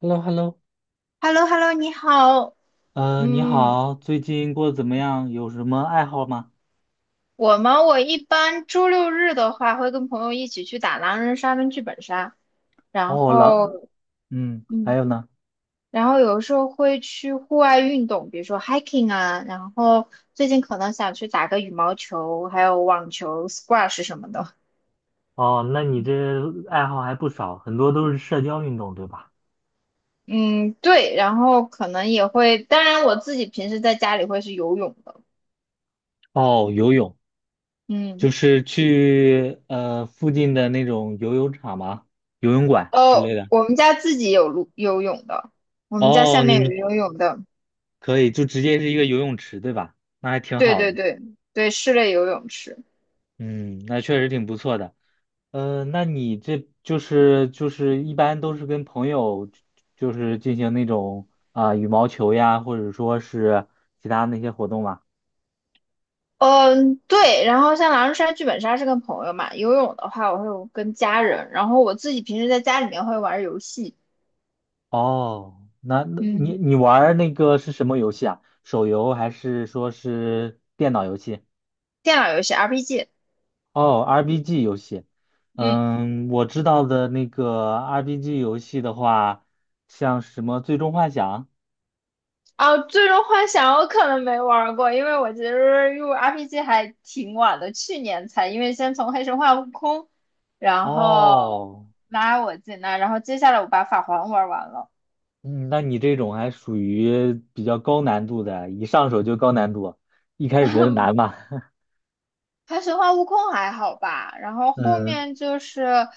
h e l l o h e l l o h e l l o h e l l o 你好。你嗯，好，最近过得怎么样？有什么爱好吗？我吗？我一般周六日的话，会跟朋友一起去打狼人杀跟剧本杀，然哦，老。后，嗯，还嗯，有呢？然后有时候会去户外运动，比如说 hiking 啊，然后最近可能想去打个羽毛球，还有网球、squash 什么的。哦，那你这爱好还不少，很多都是社交运动，对吧？嗯，对，然后可能也会，当然我自己平时在家里会是游泳的。哦，游泳，嗯，就是去附近的那种游泳场吗？游泳馆之哦，类的。我们家自己有路游泳的，我们家下哦，你面有们游泳的。可以就直接是一个游泳池，对吧？那还挺对好对的。对对，室内游泳池。嗯，那确实挺不错的。那你这就是一般都是跟朋友，就是进行那种羽毛球呀，或者说是其他那些活动嘛？嗯，对。然后像狼人杀、剧本杀是跟朋友嘛，游泳的话我会跟家人，然后我自己平时在家里面会玩游戏，哦，那嗯，你玩儿那个是什么游戏啊？手游还是说是电脑游戏？电脑游戏 RPG，哦，RPG 游戏。嗯。嗯，我知道的那个 RPG 游戏的话，像什么《最终幻想》。啊，最终幻想我可能没玩过，因为我其实入 RPG 还挺晚的，去年才，因为先从黑神话悟空，然后哦。拉我进来，然后接下来我把法环玩完了。嗯，那你这种还属于比较高难度的，一上手就高难度，一开始觉得难吧？还神话悟空还好吧，然后后嗯。面就是，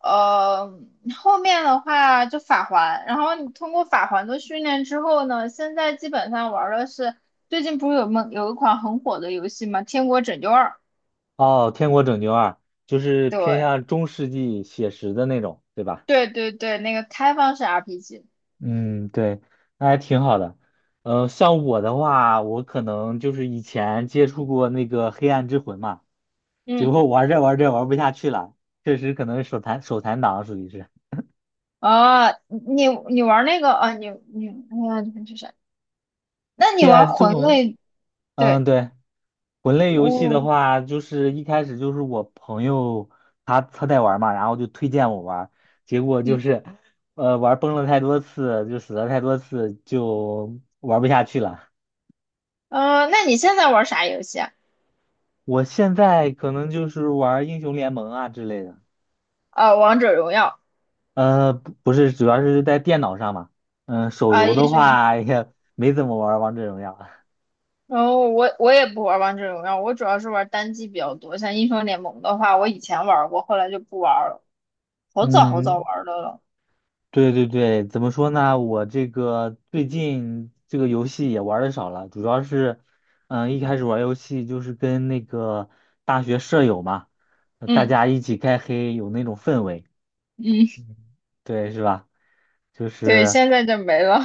呃，后面的话就法环，然后你通过法环的训练之后呢，现在基本上玩的是最近不是有梦有一款很火的游戏吗？《天国拯救二》，哦，《天国拯救二》就是偏对向中世纪写实的那种，对吧？对对对，那个开放式 RPG，嗯，对，那还挺好的。呃，像我的话，我可能就是以前接触过那个《黑暗之魂》嘛，结嗯，果玩着玩着玩不下去了，确实可能手残党属于是啊，你玩那个啊，你哎呀，你这是，那你《黑玩暗之魂魂》。类？嗯，对，对，魂类游戏的哦，话，就是一开始就是我朋友他在玩嘛，然后就推荐我玩儿，结果就嗯，是，呃，玩儿崩了太多次，就死了太多次，就玩不下去了。那你现在玩啥游戏啊？我现在可能就是玩儿英雄联盟啊之类的，啊，王者荣耀。不是，主要是在电脑上嘛，手啊，游英的雄话也没怎么玩儿王者荣耀。然后我也不玩王者荣耀，我主要是玩单机比较多。像英雄联盟的话，我以前玩过，后来就不玩了，好早好早嗯，玩的了。对对对，怎么说呢？我这个最近这个游戏也玩的少了，主要是，一开始玩游戏就是跟那个大学舍友嘛，大嗯，家一起开黑，有那种氛围，嗯，嗯，对，是吧？就对，是现在就没了。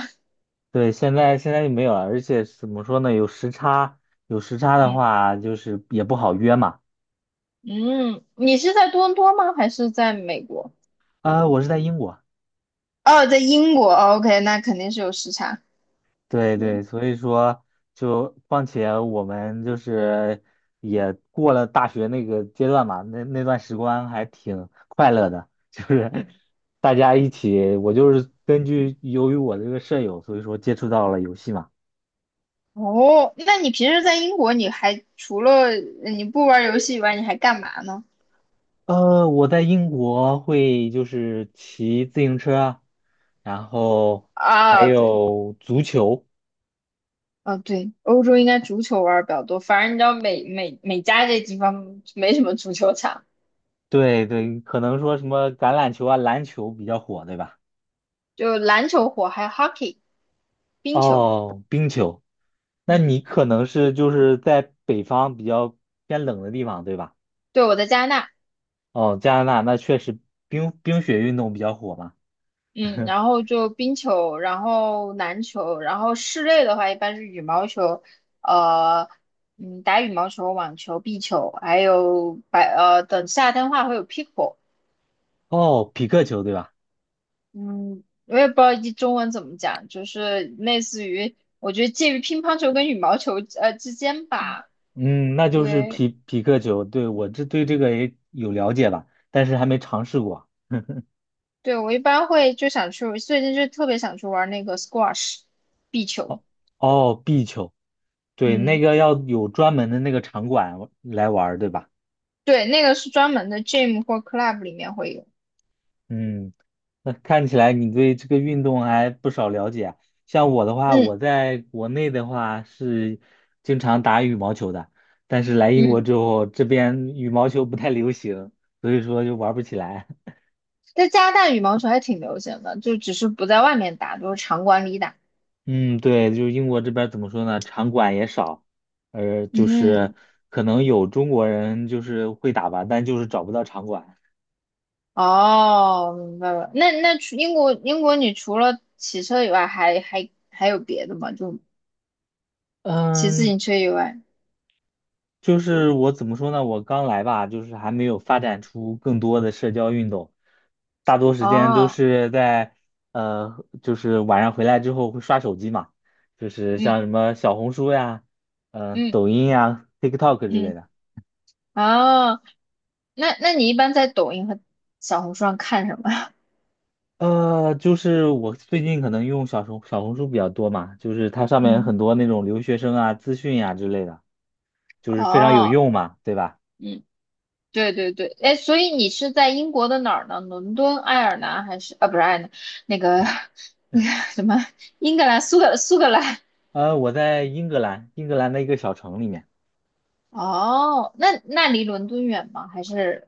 对，现在就没有了，而且怎么说呢？有时差，有时差的嗯，话，就是也不好约嘛。嗯，你是在多伦多吗？还是在美国？我是在英国。哦，在英国。哦 OK，那肯定是有时差。对对，对，所以说就，况且我们就是也过了大学那个阶段嘛，那那段时光还挺快乐的，就是 大家一起，我就是根据由于我这个舍友，所以说接触到了游戏嘛。哦，那你平时在英国，你还除了你不玩游戏以外，你还干嘛呢？呃，我在英国会就是骑自行车啊，然后还啊，对。有足球，啊，对，欧洲应该足球玩儿比较多，反正你知道美加这地方没什么足球场，对对，可能说什么橄榄球啊、篮球比较火，对吧？就篮球火，还有 hockey 冰球，哦，冰球。那嗯，你可能是就是在北方比较偏冷的地方，对吧？对，我在加拿大，哦，加拿大那确实冰冰雪运动比较火嘛。嗯，然后就冰球，然后篮球，然后室内的话一般是羽毛球，呃，嗯，打羽毛球、网球、壁球，还有等夏天的话会有 pickle，哦，匹克球对吧？嗯，我也不知道一中文怎么讲，就是类似于。我觉得介于乒乓球跟羽毛球之间吧，嗯，那就是对匹克球，对，我这对这个也有了解吧，但是还没尝试过。对，我一般会就想去，最近就特别想去玩那个 squash 壁球。哦哦，壁球，对，那嗯，个要有专门的那个场馆来玩儿，对吧？对，那个是专门的 gym 或 club 里面会有。嗯，那看起来你对这个运动还不少了解啊。像我的话，我嗯，在国内的话是经常打羽毛球的，但是来英国嗯，之后，这边羽毛球不太流行，所以说就玩不起来。在加拿大羽毛球还挺流行的，就只是不在外面打，都是场馆里打。嗯，对，就是英国这边儿怎么说呢，场馆也少，呃，就嗯，是可能有中国人就是会打吧，但就是找不到场馆。哦，明白了。那那除英国，你除了骑车以外还，还还有别的吗？就骑自嗯，行车以外。就是我怎么说呢？我刚来吧，就是还没有发展出更多的社交运动，大多时间都哦，是在，呃，就是晚上回来之后会刷手机嘛，就是像嗯什么小红书呀、嗯抖音呀、TikTok 之嗯。类的。哦，那那你一般在抖音和小红书上看什么呀？呃，就是我最近可能用小红书比较多嘛，就是它上 面嗯，很多那种留学生啊、资讯呀、之类的，就是非常有哦，用嘛，对吧？嗯，对对对，哎，所以你是在英国的哪儿呢？伦敦、爱尔兰还是啊？不是爱尔兰，那个 那个什么，英格兰、苏格兰。呃，我在英格兰，英格兰的一个小城里面。哦，那那离伦敦远吗？还是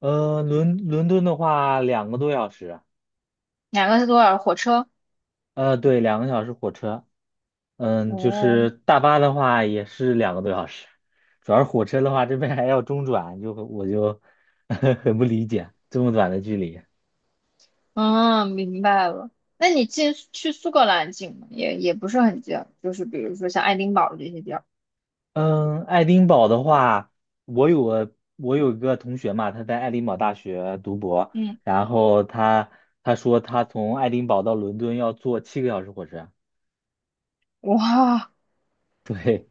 呃，伦敦的话，两个多小时。两个是多少火车？呃，对，2个小时火车。嗯，就哦，是大巴的话也是两个多小时，主要是火车的话，这边还要中转，就我就 很不理解这么短的距离。嗯，明白了。那你进去苏格兰近吗？也也不是很近，就是比如说像爱丁堡这些地儿。嗯，爱丁堡的话，我有一个同学嘛，他在爱丁堡大学读博，嗯，然后他说他从爱丁堡到伦敦要坐7个小时火车。哇。对，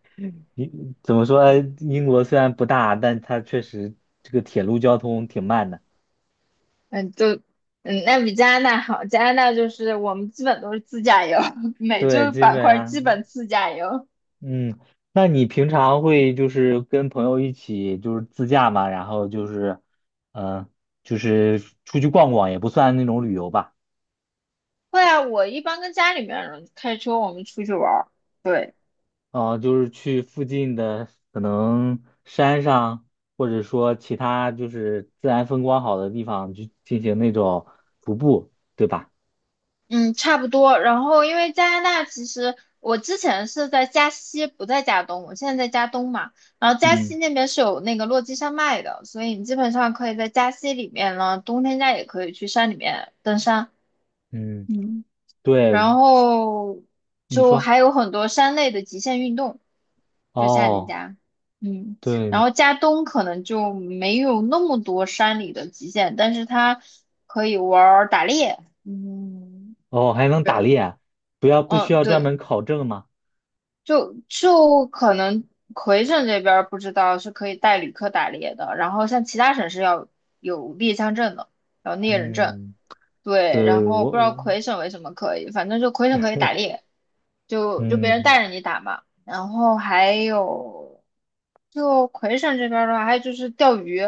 你怎么说？英国虽然不大，但它确实这个铁路交通挺慢的。嗯，就嗯，那比加拿大好，加拿大就是我们基本都是自驾游，每对，周基板本块基上，本自驾游。嗯，那你平常会就是跟朋友一起就是自驾嘛，然后就是，嗯，就是出去逛逛，也不算那种旅游吧，对啊，我一般跟家里面人开车，我们出去玩儿。对，哦，就是去附近的可能山上，或者说其他就是自然风光好的地方去进行那种徒步，对吧？嗯，差不多。然后因为加拿大其实我之前是在加西，不在加东，我现在在加东嘛。然后加西嗯那边是有那个落基山脉的，所以你基本上可以在加西里面呢，冬天家也可以去山里面登山。嗯，嗯。对，然后你就说。还有很多山类的极限运动，就夏令哦，家，嗯，然对，后加东可能就没有那么多山里的极限，但是它可以玩儿打猎，嗯，哦，还能打对，猎啊，不不需嗯，要专对，门考证吗？就就可能魁省这边儿不知道是可以带旅客打猎的，然后像其他省是要有猎枪证的，有猎人证。嗯，对，然对，后我不知道我魁省为什么可以，反正就魁省可以打猎，就就别人嗯，带着你打嘛。然后还有，就魁省这边儿的话，还有就是钓鱼，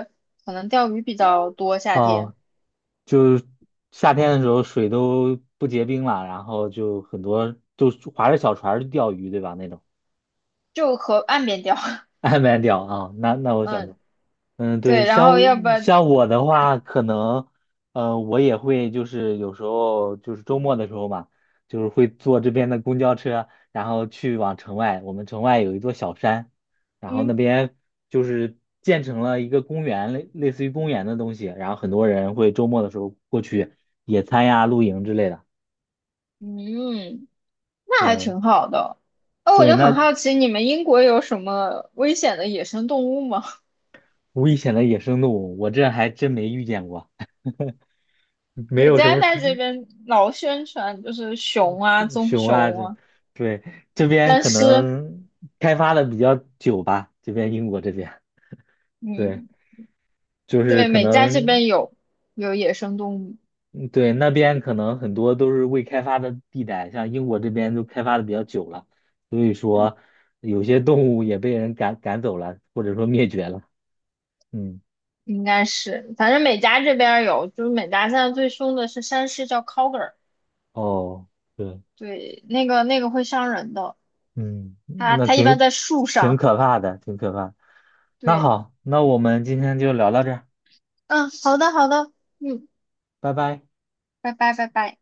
可能钓鱼比较多，夏天哦，就是夏天的时候水都不结冰了，然后就很多就划着小船儿去钓鱼，对吧？那种。 就河岸边钓。岸边钓啊，那那我嗯，想嗯，对，对，然后要不然，像我的话，可能，呃，我也会就是有时候就是周末的时候嘛，就是会坐这边的公交车，然后去往城外。我们城外有一座小山，然后那嗯，边就是建成了一个公园，类似于公园的东西，然后很多人会周末的时候过去野餐呀、露营之类的。嗯。那还对挺好的。哦，我对，就很那好奇，你们英国有什么危险的野生动物吗？危险的野生动物，我这还真没遇见过。没对，有什加拿么大事，这边老宣传就是熊啊、熊棕熊啊，熊这啊、对，这边但可是，能开发的比较久吧，这边英国这边，对，嗯，就是对，可美加这能边有有野生动物，嗯，对，那边可能很多都是未开发的地带，像英国这边都开发的比较久了，所以说有些动物也被人赶走了，或者说灭绝了。嗯，应该是，反正美加这边儿有，就是美加现在最凶的是山狮，叫 coger 哦，对，对，那个会伤人的，嗯，它那它一般在树挺上。可怕的，挺可怕的，那对，好，那我们今天就聊到这儿，嗯，好的好的，嗯，拜拜。拜拜拜拜。